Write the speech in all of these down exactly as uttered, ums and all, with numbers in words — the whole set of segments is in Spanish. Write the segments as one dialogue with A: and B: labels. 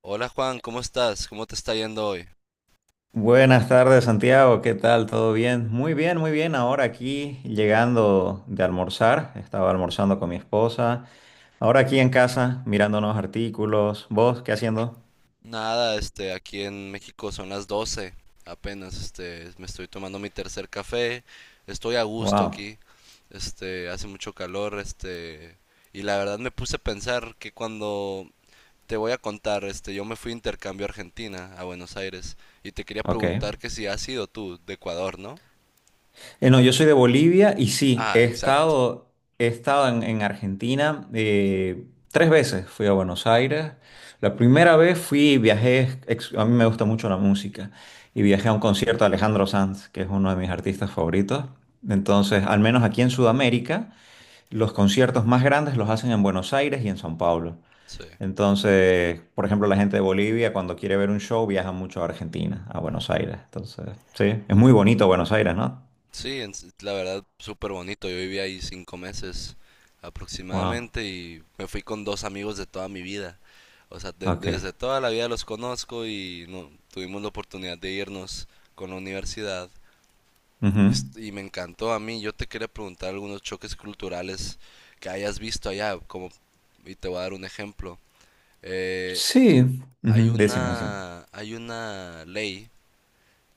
A: Hola Juan, ¿cómo estás? ¿Cómo te está yendo hoy?
B: Buenas tardes, Santiago. ¿Qué tal? ¿Todo bien? Muy bien, muy bien. Ahora aquí llegando de almorzar. Estaba almorzando con mi esposa. Ahora aquí en casa mirando unos artículos. ¿Vos qué haciendo?
A: Nada, este, aquí en México son las doce. apenas, este, me estoy tomando mi tercer café, estoy a gusto
B: Wow.
A: aquí, este, hace mucho calor, este, y la verdad me puse a pensar que cuando te voy a contar, este, yo me fui de intercambio a Argentina, a Buenos Aires, y te quería
B: Ok.
A: preguntar que si has sido tú de Ecuador, ¿no?
B: Eh, no, yo soy de Bolivia y sí,
A: Ah,
B: he
A: exacto,
B: estado, he estado en, en Argentina eh, tres veces. Fui a Buenos Aires. La primera vez fui, viajé, ex- a mí me gusta mucho la música y viajé a un concierto de Alejandro Sanz, que es uno de mis artistas favoritos. Entonces, al menos aquí en Sudamérica, los conciertos más grandes los hacen en Buenos Aires y en São Paulo.
A: sí.
B: Entonces, por ejemplo, la gente de Bolivia cuando quiere ver un show viaja mucho a Argentina, a Buenos Aires. Entonces, sí, es muy bonito Buenos Aires, ¿no?
A: Sí, en- s- la verdad, súper bonito. Yo viví ahí cinco meses
B: Wow.
A: aproximadamente y me fui con dos amigos de toda mi vida. O sea, de-
B: Ok.
A: desde toda la vida los conozco y no, tuvimos la oportunidad de irnos con la universidad.
B: Ujú.
A: Est- Y me encantó a mí. Yo te quería preguntar algunos choques culturales que hayas visto allá, como, y te voy a dar un ejemplo. Eh,
B: Sí.
A: hay
B: Ujú, decime, decime.
A: una, hay una ley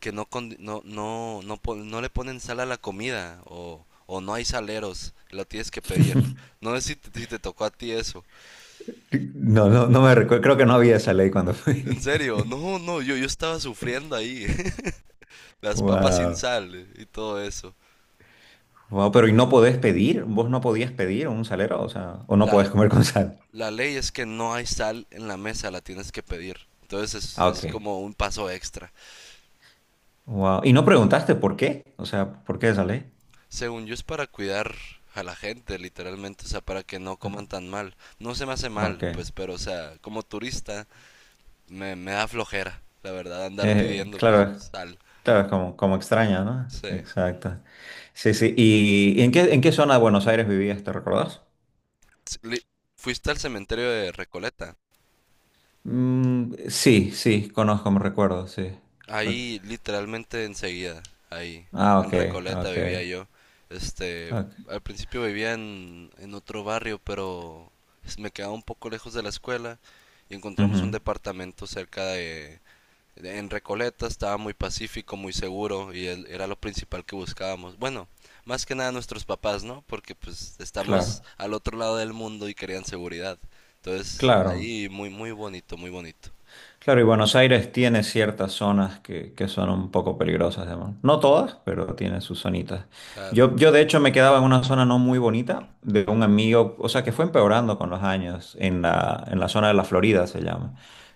A: que no, con- no, no, no, pon- no le ponen sal a la comida o, o no hay saleros, lo tienes que pedir. No sé si te, si te tocó a ti eso.
B: No, no, no me recuerdo. Creo que no había esa ley cuando
A: En
B: fui.
A: serio, no, no, yo, yo estaba sufriendo ahí. Las papas sin
B: Wow.
A: sal eh, y todo eso.
B: Wow, pero ¿y no podés pedir? ¿Vos no podías pedir un salero? O sea, ¿o no
A: La,
B: podés comer con sal?
A: la ley es que no hay sal en la mesa, la tienes que pedir. Entonces es,
B: Ah, ok.
A: es como un paso extra.
B: Wow. ¿Y no preguntaste por qué? O sea, ¿por qué esa ley?
A: Según yo es para cuidar a la gente, literalmente, o sea, para que no coman tan mal. No se me hace
B: Ah, ok.
A: mal, pues, pero, o sea, como turista, me, me da flojera, la verdad, andar
B: Eh,
A: pidiendo, pues
B: claro, es-
A: sal.
B: claro, es como, como extraña, ¿no?
A: Sí.
B: Exacto. Sí, sí. ¿Y en qué, en qué zona de Buenos Aires vivías? ¿Te recordás?
A: Sí, li- Fuiste al cementerio de Recoleta.
B: Mm, sí, sí, conozco, me recuerdo, sí.
A: Ahí, literalmente enseguida, ahí,
B: Ah,
A: en
B: ok,
A: Recoleta
B: ok,
A: vivía yo. Este,
B: ok.
A: al principio vivía en, en otro barrio, pero s- me quedaba un poco lejos de la escuela y encontramos
B: Ujú,
A: un departamento cerca de. En Recoleta estaba muy pacífico, muy seguro y él- era lo principal que buscábamos. Bueno, más que nada nuestros papás, ¿no? Porque pues estamos
B: claro,
A: al otro lado del mundo y querían seguridad. Entonces,
B: claro.
A: ahí muy, muy bonito, muy bonito.
B: Claro, y Buenos Aires tiene ciertas zonas que, que son un poco peligrosas, digamos. No todas, pero tiene sus zonitas.
A: Claro.
B: Yo, yo de hecho me quedaba en una zona no muy bonita de un amigo, o sea, que fue empeorando con los años, en la, en la zona de la Florida se llama,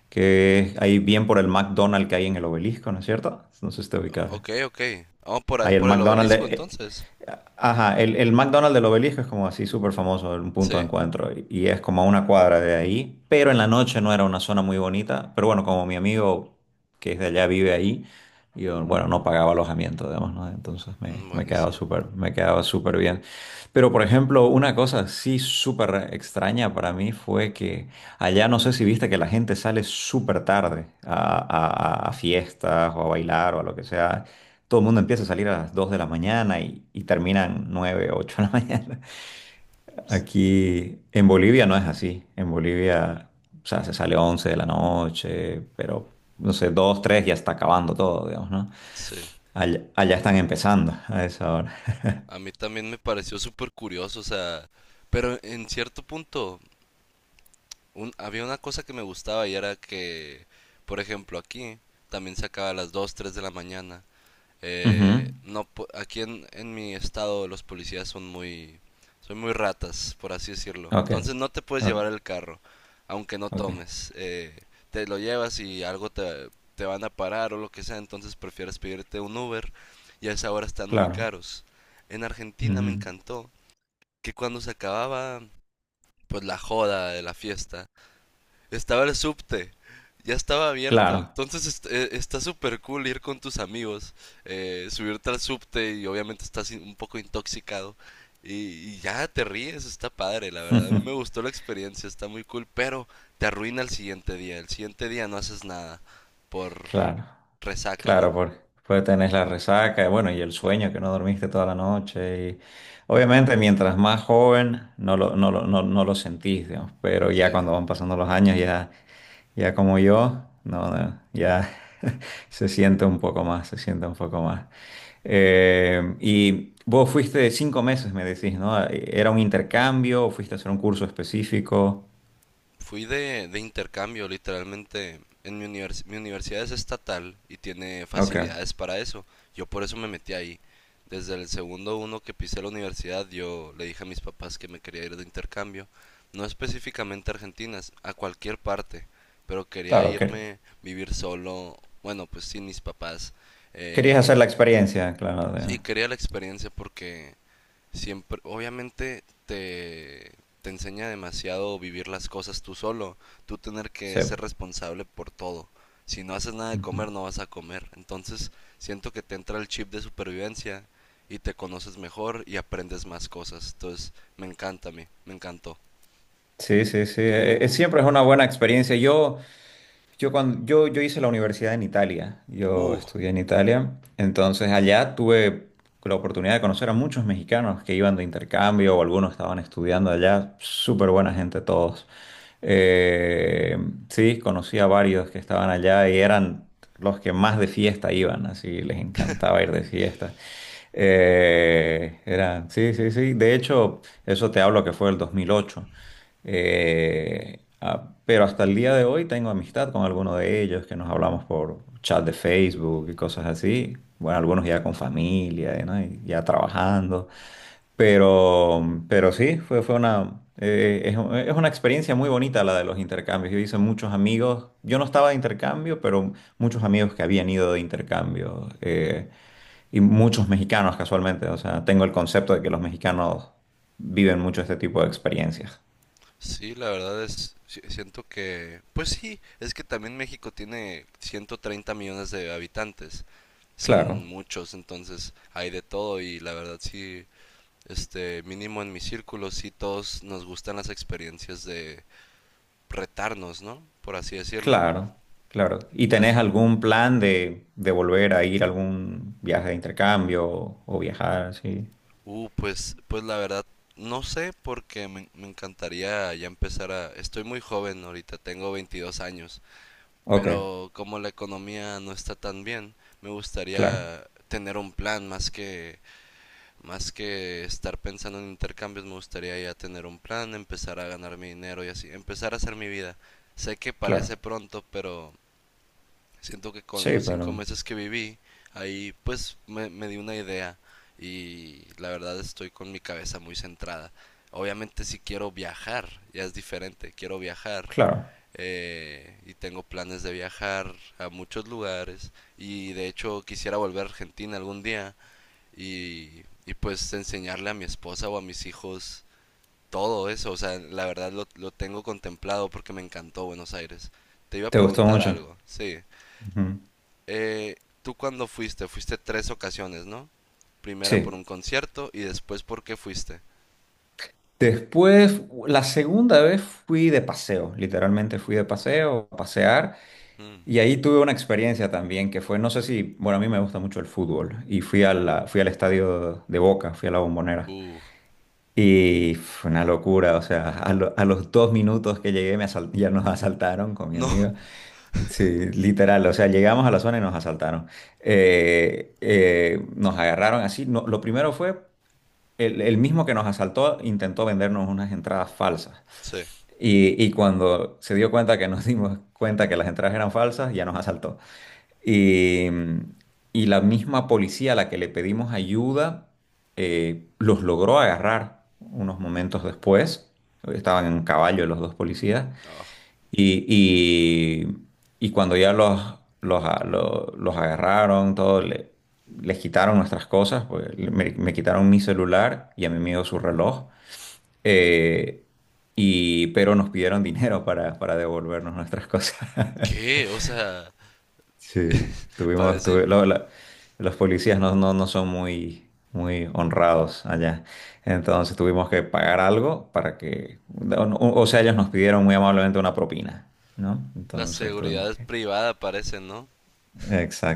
B: que es ahí bien por el McDonald's que hay en el obelisco, ¿no es cierto? No sé si te ubicas.
A: Ok, ok. Vamos por, a-
B: Ahí el
A: por el
B: McDonald's de
A: obelisco
B: eh,
A: entonces.
B: ajá, el, el McDonald's del Obelisco es como así súper famoso, un punto de
A: Sí,
B: encuentro, y y es como a una cuadra de ahí, pero en la noche no era una zona muy bonita, pero bueno, como mi amigo que es de allá vive ahí, yo, bueno, no pagaba alojamiento, digamos, ¿no? Entonces me,
A: Mm,
B: me quedaba
A: buenísimo.
B: súper, me quedaba súper bien. Pero, por ejemplo, una cosa sí súper extraña para mí fue que allá no sé si viste que la gente sale súper tarde a, a a- a fiestas o a bailar o a lo que sea. Todo el mundo empieza a salir a las dos de la mañana y, y terminan nueve ocho de la mañana.
A: S-
B: Aquí en Bolivia no es así. En Bolivia, o sea, se sale once de la noche, pero no sé, dos tres ya está acabando todo, digamos, ¿no?
A: Sí,
B: Allá, allá están empezando a esa hora.
A: a mí también me pareció súper curioso, o sea, pero en cierto punto. Un- había una cosa que me gustaba y era que, por ejemplo, aquí también se acaba a las dos tres de la mañana.
B: Ujú.
A: Eh, no, po- aquí en, en mi estado los policías son muy, son muy, ratas, por así decirlo.
B: Ok,
A: Entonces no te puedes
B: ok,
A: llevar el carro, aunque no
B: ok,
A: tomes. Eh, te lo llevas y algo te, te van a parar o lo que sea, entonces prefieres pedirte un Uber y a esa hora están muy
B: claro.
A: caros. En Argentina me
B: Mm,
A: encantó que cuando se acababa pues la joda de la fiesta, estaba el subte, ya estaba abierto.
B: claro,
A: Entonces est- eh, está súper cool ir con tus amigos, eh, subirte al subte y obviamente estás in- un poco intoxicado. Y, y ya te ríes, está padre, la verdad. A mí me gustó la experiencia, está muy cool, pero te arruina el siguiente día. El siguiente día no haces nada por
B: claro.
A: resaca,
B: Claro,
A: ¿no?
B: porque pues tenés la resaca, y bueno, y el sueño que no dormiste toda la noche. Y obviamente, mientras más joven, no lo, no lo, no, no lo sentís, digamos, pero
A: Sí.
B: ya cuando van pasando los años, ya, ya como yo, no, no, ya se siente un poco más, se siente un poco más. Eh, y vos fuiste cinco meses, me decís, ¿no? ¿Era un intercambio o fuiste a hacer un curso específico?
A: Fui de, de intercambio, literalmente. En mi, univers- mi universidad es estatal y tiene
B: Ok,
A: facilidades para eso. Yo por eso me metí ahí. Desde el segundo uno que pisé la universidad, yo le dije a mis papás que me quería ir de intercambio. No específicamente a Argentina, a cualquier parte. Pero quería
B: claro, que
A: irme, vivir solo. Bueno, pues sin mis papás.
B: querías
A: Eh,
B: hacer la experiencia, claro,
A: sí,
B: de-
A: quería la experiencia porque siempre, obviamente te, te enseña demasiado vivir las cosas tú solo, tú tener que
B: sí.
A: ser responsable por todo. Si no haces nada de
B: Ujú.
A: comer, no vas a comer. Entonces, siento que te entra el chip de supervivencia y te conoces mejor y aprendes más cosas. Entonces, me encanta a mí, me encantó.
B: Sí, sí, sí.
A: Tú,
B: E- e- siempre es una buena experiencia. Yo, yo, cuando, yo, yo hice la universidad en Italia. Yo
A: uh,
B: estudié en Italia. Entonces allá tuve la oportunidad de conocer a muchos mexicanos que iban de intercambio o algunos estaban estudiando allá. Súper buena gente todos. Eh, sí, conocí a varios que estaban allá y eran los que más de fiesta iban. Así les encantaba ir de fiesta. Eh, era, sí, sí, sí. De hecho, eso te hablo que fue el dos mil ocho. Eh, ah, pero hasta el día de hoy tengo amistad con algunos de ellos que nos hablamos por chat de Facebook y cosas así. Bueno, algunos ya con familia, ¿no? Y ya trabajando. Pero, pero sí, fue, fue una, eh, es, un- es una experiencia muy bonita la de los intercambios. Yo hice muchos amigos, yo no estaba de intercambio, pero muchos amigos que habían ido de intercambio eh, y muchos mexicanos casualmente. O sea, tengo el concepto de que los mexicanos viven mucho este tipo de experiencias.
A: sí, la verdad es, si- siento que, pues sí, es que también México tiene ciento treinta millones de habitantes. Son
B: Claro,
A: muchos, entonces hay de todo y la verdad sí, este, mínimo en mi círculo, sí todos nos gustan las experiencias de retarnos, ¿no? Por así decirlo.
B: claro, claro. ¿Y
A: Al- f-
B: tenés algún plan de, de volver a ir a algún viaje de intercambio o, o viajar así?
A: Uh, pues, pues la verdad, no sé porque me, me encantaría ya empezar a. Estoy muy joven ahorita, tengo veintidós años,
B: Ok,
A: pero como la economía no está tan bien, me
B: claro,
A: gustaría tener un plan más que Más que estar pensando en intercambios, me gustaría ya tener un plan, empezar a ganar mi dinero y así, empezar a hacer mi vida. Sé que parece
B: claro.
A: pronto, pero siento que con
B: Sí,
A: los cinco
B: pero
A: meses que viví, ahí pues me, me di una idea y la verdad estoy con mi cabeza muy centrada. Obviamente si quiero viajar, ya es diferente, quiero viajar
B: claro.
A: eh, y tengo planes de viajar a muchos lugares y de hecho quisiera volver a Argentina algún día y, y pues enseñarle a mi esposa o a mis hijos todo eso. O sea, la verdad lo, lo tengo contemplado porque me encantó Buenos Aires. Te iba a
B: ¿Te gustó
A: preguntar
B: mucho?
A: algo, sí.
B: Ujú.
A: Eh, ¿Tú cuándo fuiste? Fuiste tres ocasiones, ¿no? Primera por
B: Sí.
A: un concierto y después por qué fuiste.
B: Después, la segunda vez fui de paseo, literalmente fui de paseo, a pasear,
A: Mm.
B: y ahí tuve una experiencia también que fue, no sé si, bueno, a mí me gusta mucho el fútbol, y fui a la- fui al estadio de Boca, fui a la Bombonera.
A: Uh,
B: Y fue una locura, o sea, a, lo- a los dos minutos que llegué me asal- ya nos asaltaron con mi
A: no,
B: amiga. Sí, literal, o sea, llegamos a la zona y nos asaltaron. Eh, eh, nos agarraron así. No, lo primero fue, el, el mismo que nos asaltó intentó vendernos unas entradas falsas.
A: sí.
B: Y, y cuando se dio cuenta que nos dimos cuenta que las entradas eran falsas, ya nos asaltó. Eh, y la misma policía a la que le pedimos ayuda eh, los logró agarrar unos momentos después. Estaban en caballo los dos policías.
A: Ah,
B: Y, y- y cuando ya los, los, a- lo- los agarraron, todo, le- les quitaron nuestras cosas, pues, le- me, me quitaron mi celular y a mi amigo su reloj. eh, y, pero nos pidieron dinero para, para devolvernos nuestras cosas.
A: ¿Qué? O sea,
B: Sí, estuvimos,
A: parece
B: estuve, la- la- los policías no, no, no son muy, muy honrados allá. Entonces tuvimos que pagar algo para que, o, o sea, ellos nos pidieron muy amablemente una propina, ¿no?
A: la
B: Entonces tuvimos
A: seguridad
B: que...
A: privada, parece, ¿no?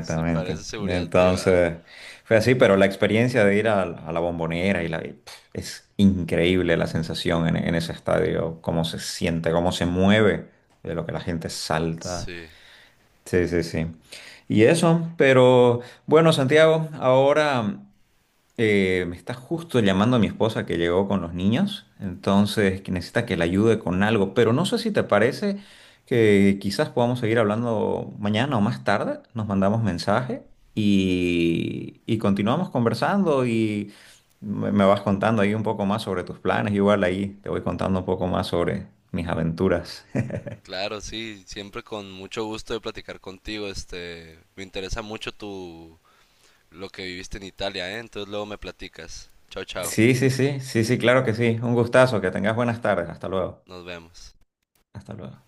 A: Sí, parece seguridad privada.
B: Entonces fue así, pero la experiencia de ir a, a la Bombonera y la, y, pf, es increíble la sensación en, en ese estadio, cómo se siente, cómo se mueve, de lo que la gente salta.
A: Sí.
B: Sí, sí, sí. Y eso, pero bueno, Santiago, ahora eh, me está justo llamando mi esposa que llegó con los niños, entonces que necesita que la ayude con algo, pero no sé si te parece que quizás podamos seguir hablando mañana o más tarde, nos mandamos mensaje y, y continuamos conversando y me, me vas contando ahí un poco más sobre tus planes, igual ahí te voy contando un poco más sobre mis aventuras.
A: Claro, sí, siempre con mucho gusto de platicar contigo. Este, me interesa mucho tu lo que viviste en Italia, ¿eh? Entonces luego me platicas. Chao, chao.
B: Sí, sí, sí, sí, sí, claro que sí. Un gustazo, que tengas buenas tardes. Hasta luego.
A: Nos vemos.
B: Hasta luego.